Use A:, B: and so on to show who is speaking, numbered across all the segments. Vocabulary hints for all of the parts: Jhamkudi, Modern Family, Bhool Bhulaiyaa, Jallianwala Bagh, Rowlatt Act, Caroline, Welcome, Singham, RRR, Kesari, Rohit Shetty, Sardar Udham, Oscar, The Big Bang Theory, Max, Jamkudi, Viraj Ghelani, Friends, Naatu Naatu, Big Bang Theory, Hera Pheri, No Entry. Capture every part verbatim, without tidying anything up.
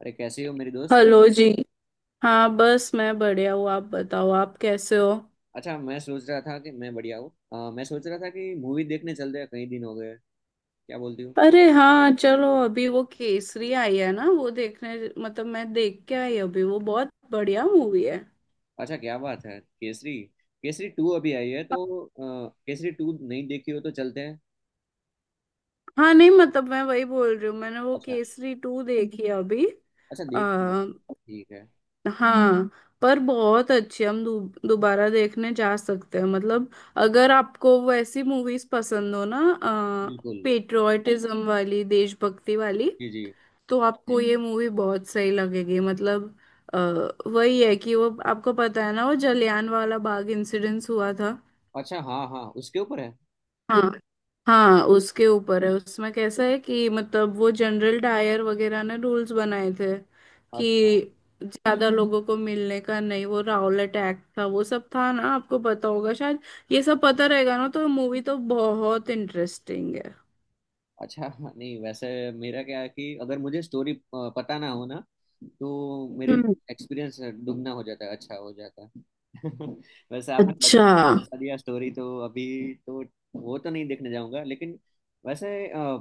A: अरे कैसी हो मेरी दोस्त।
B: हेलो जी। हाँ बस मैं बढ़िया हूँ, आप बताओ आप कैसे हो।
A: अच्छा, मैं सोच रहा था कि मैं बढ़िया हूँ। अ, मैं सोच रहा था कि मूवी देखने चलते हैं, कई दिन हो गए। क्या बोलती हो?
B: अरे हाँ चलो अभी वो केसरी आई है ना वो देखने। मतलब मैं देख के आई अभी, वो बहुत बढ़िया मूवी है।
A: अच्छा, क्या बात है, केसरी। केसरी टू अभी आई है, तो अ, केसरी टू नहीं देखी हो तो चलते हैं।
B: हाँ नहीं मतलब मैं वही बोल रही हूँ, मैंने वो
A: अच्छा,
B: केसरी टू देखी है अभी।
A: अच्छा,
B: आ,
A: देखती है, ठीक है।
B: हाँ। पर बहुत अच्छी, हम दो, दोबारा देखने जा सकते हैं मतलब। अगर आपको वैसी मूवीज पसंद हो ना,
A: बिल्कुल।
B: पेट्रियोटिज्म वाली, देशभक्ति वाली,
A: जी, जी।
B: तो आपको हम्म ये मूवी बहुत सही लगेगी मतलब। अ, वही है कि वो आपको पता है ना वो जलियान वाला बाग इंसिडेंस हुआ था।
A: अच्छा, हाँ हाँ, उसके ऊपर है।
B: हाँ हाँ उसके ऊपर है। उसमें कैसा है कि मतलब वो जनरल डायर वगैरह ने रूल्स बनाए थे
A: अच्छा।
B: कि ज्यादा हम्म लोगों को मिलने का नहीं। वो राउलेट एक्ट था, वो सब था ना, आपको पता होगा शायद। ये सब पता रहेगा ना तो मूवी तो बहुत इंटरेस्टिंग है।
A: अच्छा, नहीं, वैसे मेरा क्या है कि अगर मुझे स्टोरी पता ना हो ना, तो मेरे
B: हम्म।
A: लिए एक्सपीरियंस दुगना हो जाता है, अच्छा हो जाता है। वैसे आपने बता
B: अच्छा
A: बता दिया स्टोरी, तो अभी तो वो तो नहीं देखने जाऊंगा, लेकिन वैसे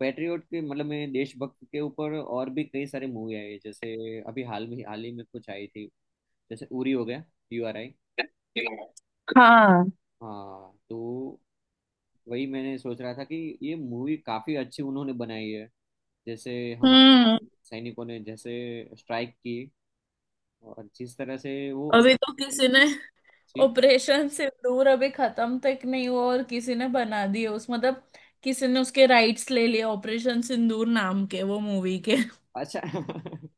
A: पेट्रियोट के मतलब मैं देशभक्त के ऊपर और भी कई सारी मूवी आई है। जैसे अभी हाल में, हाल ही में कुछ आई थी, जैसे उरी हो गया, यू आर आई।
B: हाँ।
A: हाँ, तो वही मैंने सोच रहा था कि ये मूवी काफी अच्छी उन्होंने बनाई है। जैसे हमारे
B: हम्म।
A: सैनिकों ने जैसे स्ट्राइक की और जिस तरह से वो अंदर
B: अभी तो किसी ने
A: थी।
B: ऑपरेशन सिंदूर अभी खत्म तक नहीं हुआ और किसी ने बना दिए उस मतलब, किसी ने उसके राइट्स ले लिए ऑपरेशन सिंदूर नाम के वो मूवी के।
A: अच्छा।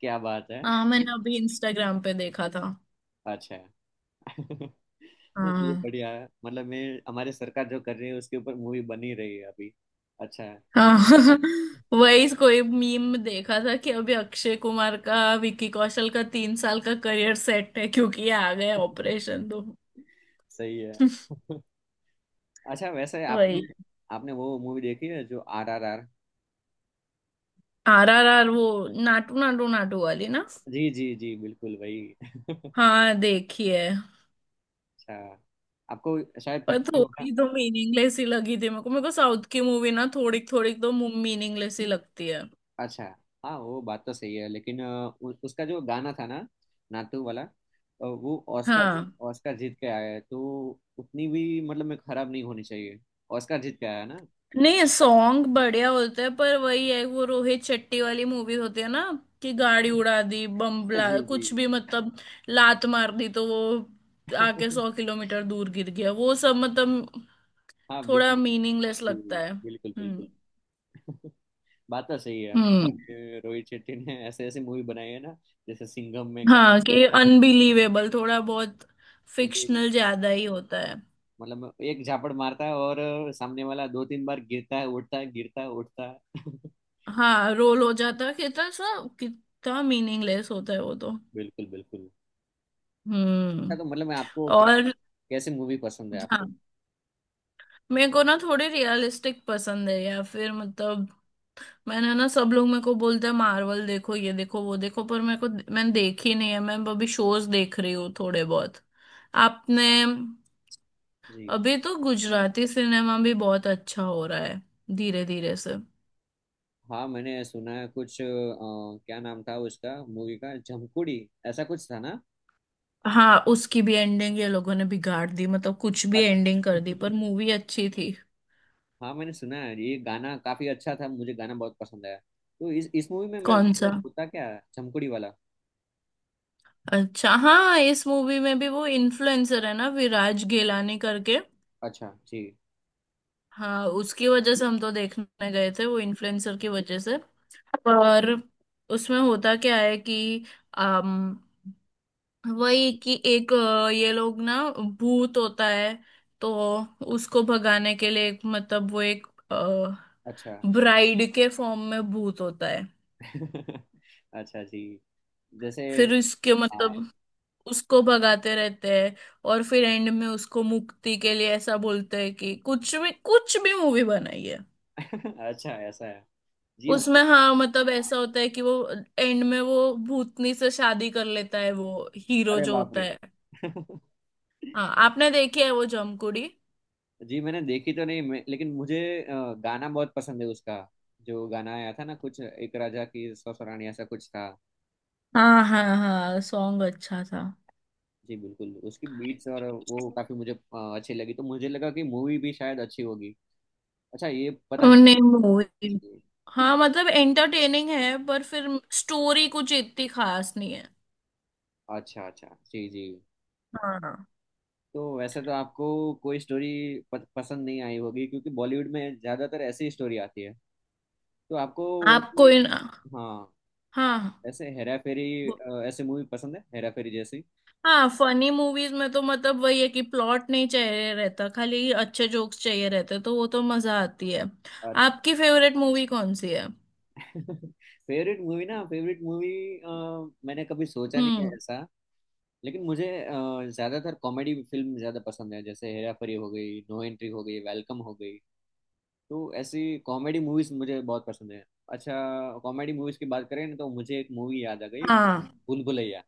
A: क्या बात है।
B: हाँ मैंने अभी इंस्टाग्राम पे देखा था।
A: अच्छा। ये
B: हाँ
A: बढ़िया है, मतलब मैं हमारे सरकार जो कर रही है उसके ऊपर मूवी बनी रही है अभी, अच्छा है।
B: हाँ। वही कोई मीम देखा था कि अभी अक्षय कुमार का विकी कौशल का तीन साल का करियर सेट है क्योंकि ये आ गया ऑपरेशन तो।
A: सही है। अच्छा, वैसे आपने
B: वही।
A: आपने वो मूवी देखी है, जो R R R.
B: R R R वो नाटू नाटू नाटू वाली ना।
A: जी जी जी, बिल्कुल वही।
B: हाँ देखी है।
A: अच्छा, आपको शायद
B: पर
A: पता भी होगा।
B: थोड़ी तो मीनिंगलेस ही लगी थी मेरे को। मेरे को साउथ की मूवी ना थोड़ी थोड़ी तो मीनिंगलेस ही लगती है
A: अच्छा, हाँ, वो बात तो सही है, लेकिन अ, उ, उसका जो गाना था ना, नातू वाला, अ, वो ऑस्कर,
B: हाँ।
A: ऑस्कर जीत के आया है, तो उतनी भी मतलब में खराब नहीं होनी चाहिए। ऑस्कर जीत के आया है ना।
B: नहीं सॉन्ग बढ़िया होते हैं पर वही है वो रोहित शेट्टी वाली मूवी होती है ना, कि गाड़ी उड़ा दी, बम ब्ला,
A: जी जी।
B: कुछ भी मतलब। लात मार दी तो वो आके सौ किलोमीटर दूर गिर गया, वो सब मतलब
A: हाँ,
B: थोड़ा
A: बिल्कुल।
B: मीनिंगलेस
A: जी,
B: लगता है।
A: बिल्कुल
B: हम्म।
A: बिल्कुल, बात तो सही है,
B: हम्म।
A: मतलब कि रोहित शेट्टी ने ऐसे ऐसे मूवी बनाई है ना। जैसे सिंघम में गा-।
B: हाँ कि अनबिलीवेबल, थोड़ा बहुत
A: जी,
B: फिक्शनल ज्यादा ही होता है।
A: मतलब एक झापड़ मारता है और सामने वाला दो तीन बार गिरता है, उठता है, गिरता है, उठता है।
B: हाँ रोल हो जाता है कितना सा, कितना मीनिंगलेस होता है वो तो।
A: बिल्कुल बिल्कुल। अच्छा,
B: हम्म।
A: तो मतलब मैं आपको कैसे,
B: और
A: कैसे मूवी पसंद है आपको?
B: हाँ मेरे को ना थोड़ी रियलिस्टिक पसंद है या फिर मतलब, मैंने ना, सब लोग मेरे को बोलते हैं मार्वल देखो, ये देखो, वो देखो, पर मेरे को, मैंने देखी नहीं है। मैं अभी शोज देख रही हूँ थोड़े बहुत। आपने,
A: इसका। जी।
B: अभी तो गुजराती सिनेमा भी बहुत अच्छा हो रहा है धीरे धीरे से।
A: हाँ, मैंने सुना है कुछ, अ, क्या नाम था उसका मूवी का, झमकुड़ी, ऐसा कुछ था ना।
B: हाँ उसकी भी एंडिंग ये लोगों ने बिगाड़ दी मतलब, कुछ भी एंडिंग कर दी
A: अच्छा।
B: पर मूवी अच्छी थी।
A: हाँ, मैंने सुना है ये गाना काफी अच्छा था, मुझे गाना बहुत पसंद आया। तो इस इस मूवी में मैं
B: कौन
A: वैसे
B: सा?
A: होता क्या है झमकुड़ी वाला?
B: अच्छा हाँ इस मूवी में भी वो इन्फ्लुएंसर है ना विराज गेलानी करके।
A: अच्छा जी।
B: हाँ उसकी वजह से हम तो देखने गए थे, वो इन्फ्लुएंसर की वजह से। पर उसमें होता क्या है कि अम, वही कि एक अ, ये लोग ना, भूत होता है। तो उसको भगाने के लिए एक मतलब, वो एक
A: अच्छा।
B: ब्राइड के फॉर्म में भूत होता है।
A: अच्छा जी। जैसे।
B: फिर इसके
A: हाँ।
B: मतलब उसको भगाते रहते हैं। और फिर एंड में उसको मुक्ति के लिए ऐसा बोलते हैं कि कुछ भी कुछ भी मूवी बनाई है।
A: अच्छा, ऐसा है। जी, मुझे।
B: उसमें हाँ मतलब
A: हाँ।
B: ऐसा होता है कि वो एंड में वो भूतनी से शादी कर लेता है वो हीरो
A: अरे
B: जो
A: बाप
B: होता
A: रे।
B: है। हाँ आपने देखी है वो जमकुड़ी?
A: जी, मैंने देखी तो नहीं मैं, लेकिन मुझे अ, गाना बहुत पसंद है उसका। जो गाना आया था ना, कुछ एक राजा की सौ रानी, ऐसा कुछ था।
B: हाँ हाँ हाँ सॉन्ग अच्छा था।
A: जी बिल्कुल, उसकी बीट्स और वो काफी मुझे अ, अच्छी लगी, तो मुझे लगा कि मूवी भी शायद अच्छी होगी। अच्छा, ये पता
B: नहीं मूवी,
A: नहीं।
B: हाँ मतलब एंटरटेनिंग है पर फिर स्टोरी कुछ इतनी खास नहीं है।
A: अच्छा अच्छा, जी जी।
B: हाँ।
A: तो वैसे तो आपको कोई स्टोरी प- पसंद नहीं आई होगी, क्योंकि बॉलीवुड में ज्यादातर ऐसी स्टोरी आती है। तो आपको वैसे,
B: आपको इन,
A: हाँ,
B: हाँ हाँ।
A: ऐसे हेरा फेरी, अ, ऐसे मूवी पसंद है हेरा फेरी जैसी?
B: हाँ फनी मूवीज में तो मतलब वही है कि प्लॉट नहीं चाहिए रहता, खाली अच्छे जोक्स चाहिए रहते तो वो तो मजा आती है।
A: अच्छा।
B: आपकी फेवरेट मूवी कौन सी है?
A: फेवरेट मूवी ना फेवरेट मूवी मैंने कभी सोचा नहीं है
B: हम्म।
A: ऐसा, लेकिन मुझे अ, ज्यादातर कॉमेडी फिल्म ज्यादा पसंद है। जैसे हेरा फेरी हो गई, नो एंट्री हो गई, वेलकम हो गई। तो ऐसी कॉमेडी मूवीज मुझे बहुत पसंद है। अच्छा, कॉमेडी मूवीज की बात करें ना, तो मुझे एक मूवी याद आ गई,
B: हाँ।
A: भूल भुलैया।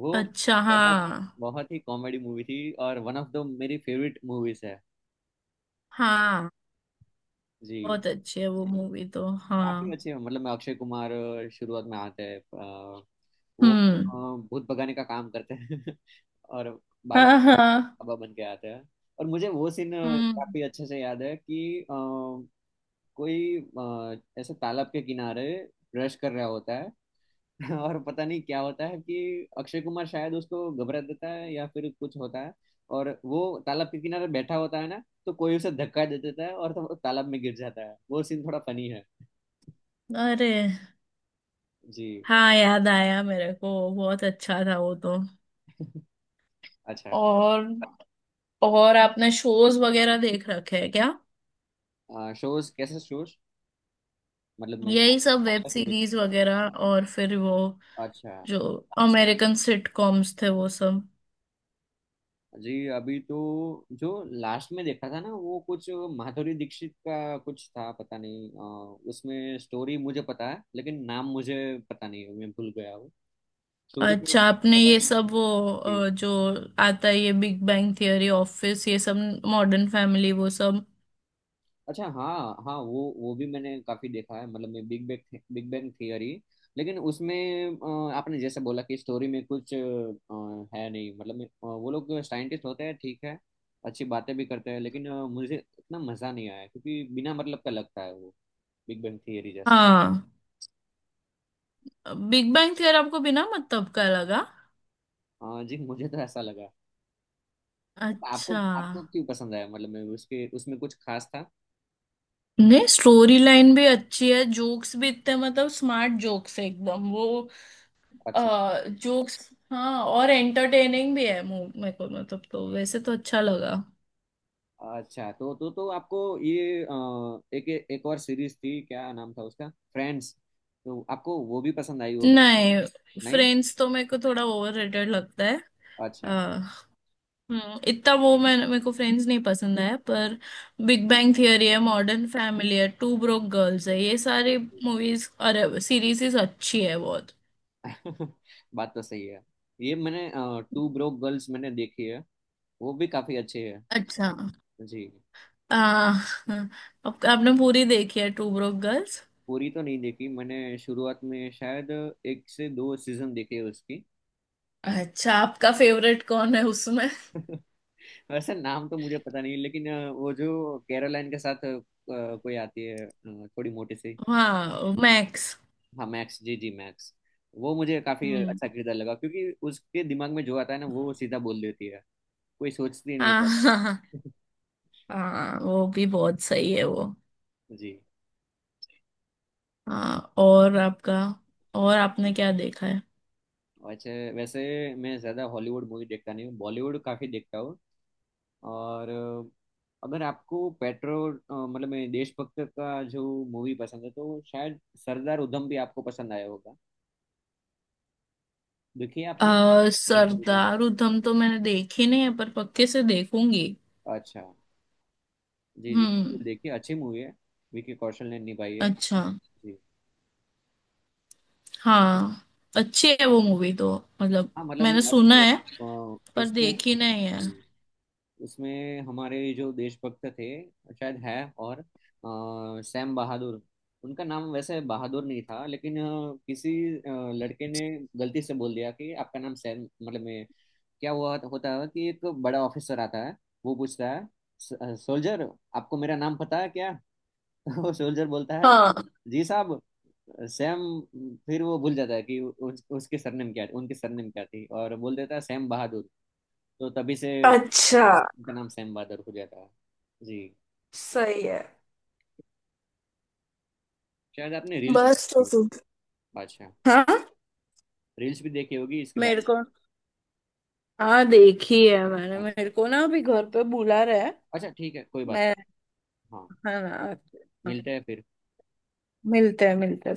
A: वो
B: अच्छा हाँ।
A: बहुत, बहुत ही कॉमेडी मूवी थी, और वन ऑफ द मेरी फेवरेट मूवीज है।
B: हाँ
A: जी,
B: बहुत अच्छी है वो मूवी तो
A: काफी
B: हाँ।
A: अच्छे हैं। मतलब मैं अक्षय कुमार अ, शुरुआत में आते हैं, अ, वो
B: हम्म।
A: अ, भूत भगाने का काम करते हैं। और बाबा
B: हाँ हाँ।
A: बाबा बन के आते हैं। और मुझे वो सीन
B: हम्म।
A: काफी अच्छे से याद है कि अ, कोई अ, ऐसे तालाब के किनारे ब्रश कर रहा होता है। और पता नहीं क्या होता है कि अक्षय कुमार शायद उसको घबरा देता है या फिर कुछ होता है, और वो तालाब के किनारे बैठा होता है ना, तो कोई उसे धक्का दे देता है और तो वो तालाब में गिर जाता है। वो सीन थोड़ा फनी है।
B: अरे
A: जी।
B: हाँ याद आया मेरे को, बहुत अच्छा था वो तो।
A: अच्छा,
B: और और आपने शोज वगैरह देख रखे हैं क्या?
A: आ, शोज? कैसे शोज? मतलब मैं,
B: यही सब
A: आप
B: वेब
A: कैसे देख।
B: सीरीज वगैरह और फिर वो
A: अच्छा
B: जो अमेरिकन सिटकॉम्स थे वो सब।
A: जी। अभी तो जो लास्ट में देखा था ना, वो कुछ माधुरी दीक्षित का कुछ था, पता नहीं। आ, उसमें स्टोरी मुझे पता है, लेकिन नाम मुझे पता नहीं, मैं भूल गया वो। स्टोरी मुझे
B: अच्छा आपने
A: पता
B: ये सब वो
A: है।
B: अ, जो आता है ये बिग बैंग थियरी, ऑफिस, ये सब, मॉडर्न फैमिली, वो सब।
A: अच्छा हाँ, हाँ, वो वो भी मैंने काफी देखा है, मतलब मैं Big Bang Big Bang Theory. लेकिन उसमें अ, आपने जैसे बोला कि स्टोरी में कुछ अ, है नहीं, मतलब मैं- अ, वो लोग साइंटिस्ट होते हैं ठीक है, अच्छी बातें भी करते हैं, लेकिन अ, मुझे इतना मजा नहीं आया, क्योंकि बिना मतलब का लगता है वो बिग बैंग थियरी जैसा।
B: हाँ बिग बैंग थियरी आपको बिना मतलब का लगा?
A: हाँ जी। मुझे तो ऐसा लगा। अब आपको
B: अच्छा।
A: आपको क्यों पसंद आया? मतलब मैं उसके उसमें कुछ खास था?
B: नहीं स्टोरी लाइन भी अच्छी है, जोक्स भी इतने मतलब स्मार्ट जोक्स है एकदम, वो
A: अच्छा।
B: जोक्स। हाँ और एंटरटेनिंग भी है मु- मेरे को मतलब, तो वैसे तो अच्छा लगा।
A: अच्छा, तो तो तो आपको ये, अ, एक एक और सीरीज थी क्या नाम था उसका, फ्रेंड्स, तो आपको वो भी पसंद आई होगी?
B: नहीं
A: नहीं।
B: फ्रेंड्स तो मेरे को थोड़ा ओवररेटेड लगता है।
A: अच्छा।
B: हाँ। हम्म इतना वो, मैं, मेरे को फ्रेंड्स नहीं पसंद है पर बिग बैंग थियरी है, मॉडर्न फैमिली है, टू ब्रोक गर्ल्स है, ये सारी मूवीज और सीरीज अच्छी है बहुत।
A: बात तो सही है। ये मैंने टू ब्रोक गर्ल्स मैंने देखी है, वो भी काफी अच्छी है।
B: अच्छा
A: जी।
B: आ, हाँ, आप, आपने पूरी देखी है टू ब्रोक गर्ल्स?
A: पूरी तो नहीं देखी मैंने, शुरुआत में शायद एक से दो सीजन देखे हैं उसकी।
B: अच्छा आपका फेवरेट कौन है उसमें?
A: वैसे नाम तो मुझे पता नहीं, लेकिन अ, वो जो कैरोलाइन के साथ अ, कोई आती है, अ, थोड़ी मोटी सी।
B: हाँ मैक्स।
A: हाँ, मैक्स, जी जी, मैक्स। वो मुझे काफी
B: हम्म।
A: अच्छा किरदार लगा, क्योंकि उसके दिमाग में जो आता है ना, वो सीधा बोल देती है, कोई सोचती नहीं है
B: हाँ
A: ज्यादा।
B: हाँ हाँ। हाँ, वो भी बहुत सही है वो।
A: जी।
B: हाँ और आपका, और आपने क्या देखा है?
A: अच्छा, वैसे मैं ज्यादा हॉलीवुड मूवी देखता नहीं हूँ, बॉलीवुड काफी देखता हूँ। और अ, अगर आपको पेट्रो अ, मतलब मैं देशभक्त का जो मूवी पसंद है, तो शायद सरदार उधम भी आपको पसंद आया होगा। देखिए आपने।
B: आ,
A: सरदार उधम।
B: सरदार उधम तो मैंने देखी नहीं है पर पक्के से देखूंगी।
A: अच्छा, जी जी,
B: हम्म।
A: बिल्कुल देखिए, अच्छी मूवी है, विकी कौशल ने निभाई है।
B: अच्छा।
A: जी।
B: हाँ अच्छी है वो मूवी तो मतलब,
A: हाँ, मतलब मैं
B: मैंने सुना
A: आपके
B: है
A: अ,
B: पर
A: उसमें,
B: देखी नहीं है।
A: उसमें हमारे जो देशभक्त थे, शायद है। और अ, सैम बहादुर, उनका नाम वैसे बहादुर नहीं था, लेकिन अ, किसी अ, लड़के ने गलती से बोल दिया कि आपका नाम सैम। मतलब मैं, क्या हुआ होता है कि एक बड़ा ऑफिसर आता है, वो पूछता है, सोल्जर, आपको मेरा नाम पता है क्या? तो सोल्जर बोलता है,
B: हाँ।
A: जी साहब, सैम। फिर वो भूल जाता है कि उस, उसके सरनेम क्या, उनके सरनेम क्या थी, और बोल देता है सैम बहादुर। तो तभी से
B: अच्छा।
A: उनका नाम सैम बहादुर हो जाता है। जी।
B: सही है।
A: शायद आपने रील्स भी
B: बस तो
A: देखी।
B: फिर
A: अच्छा,
B: हाँ
A: रील्स भी देखी होगी इसके
B: मेरे
A: बारे
B: को, हाँ देखी है मैंने।
A: में। अच्छा।
B: मेरे को ना अभी घर पे बुला रहे हैं।
A: अच्छा ठीक है, कोई बात
B: मैं,
A: नहीं। हाँ,
B: हाँ ना। हाँ,
A: मिलते हैं फिर।
B: मिलते हैं मिलते हैं।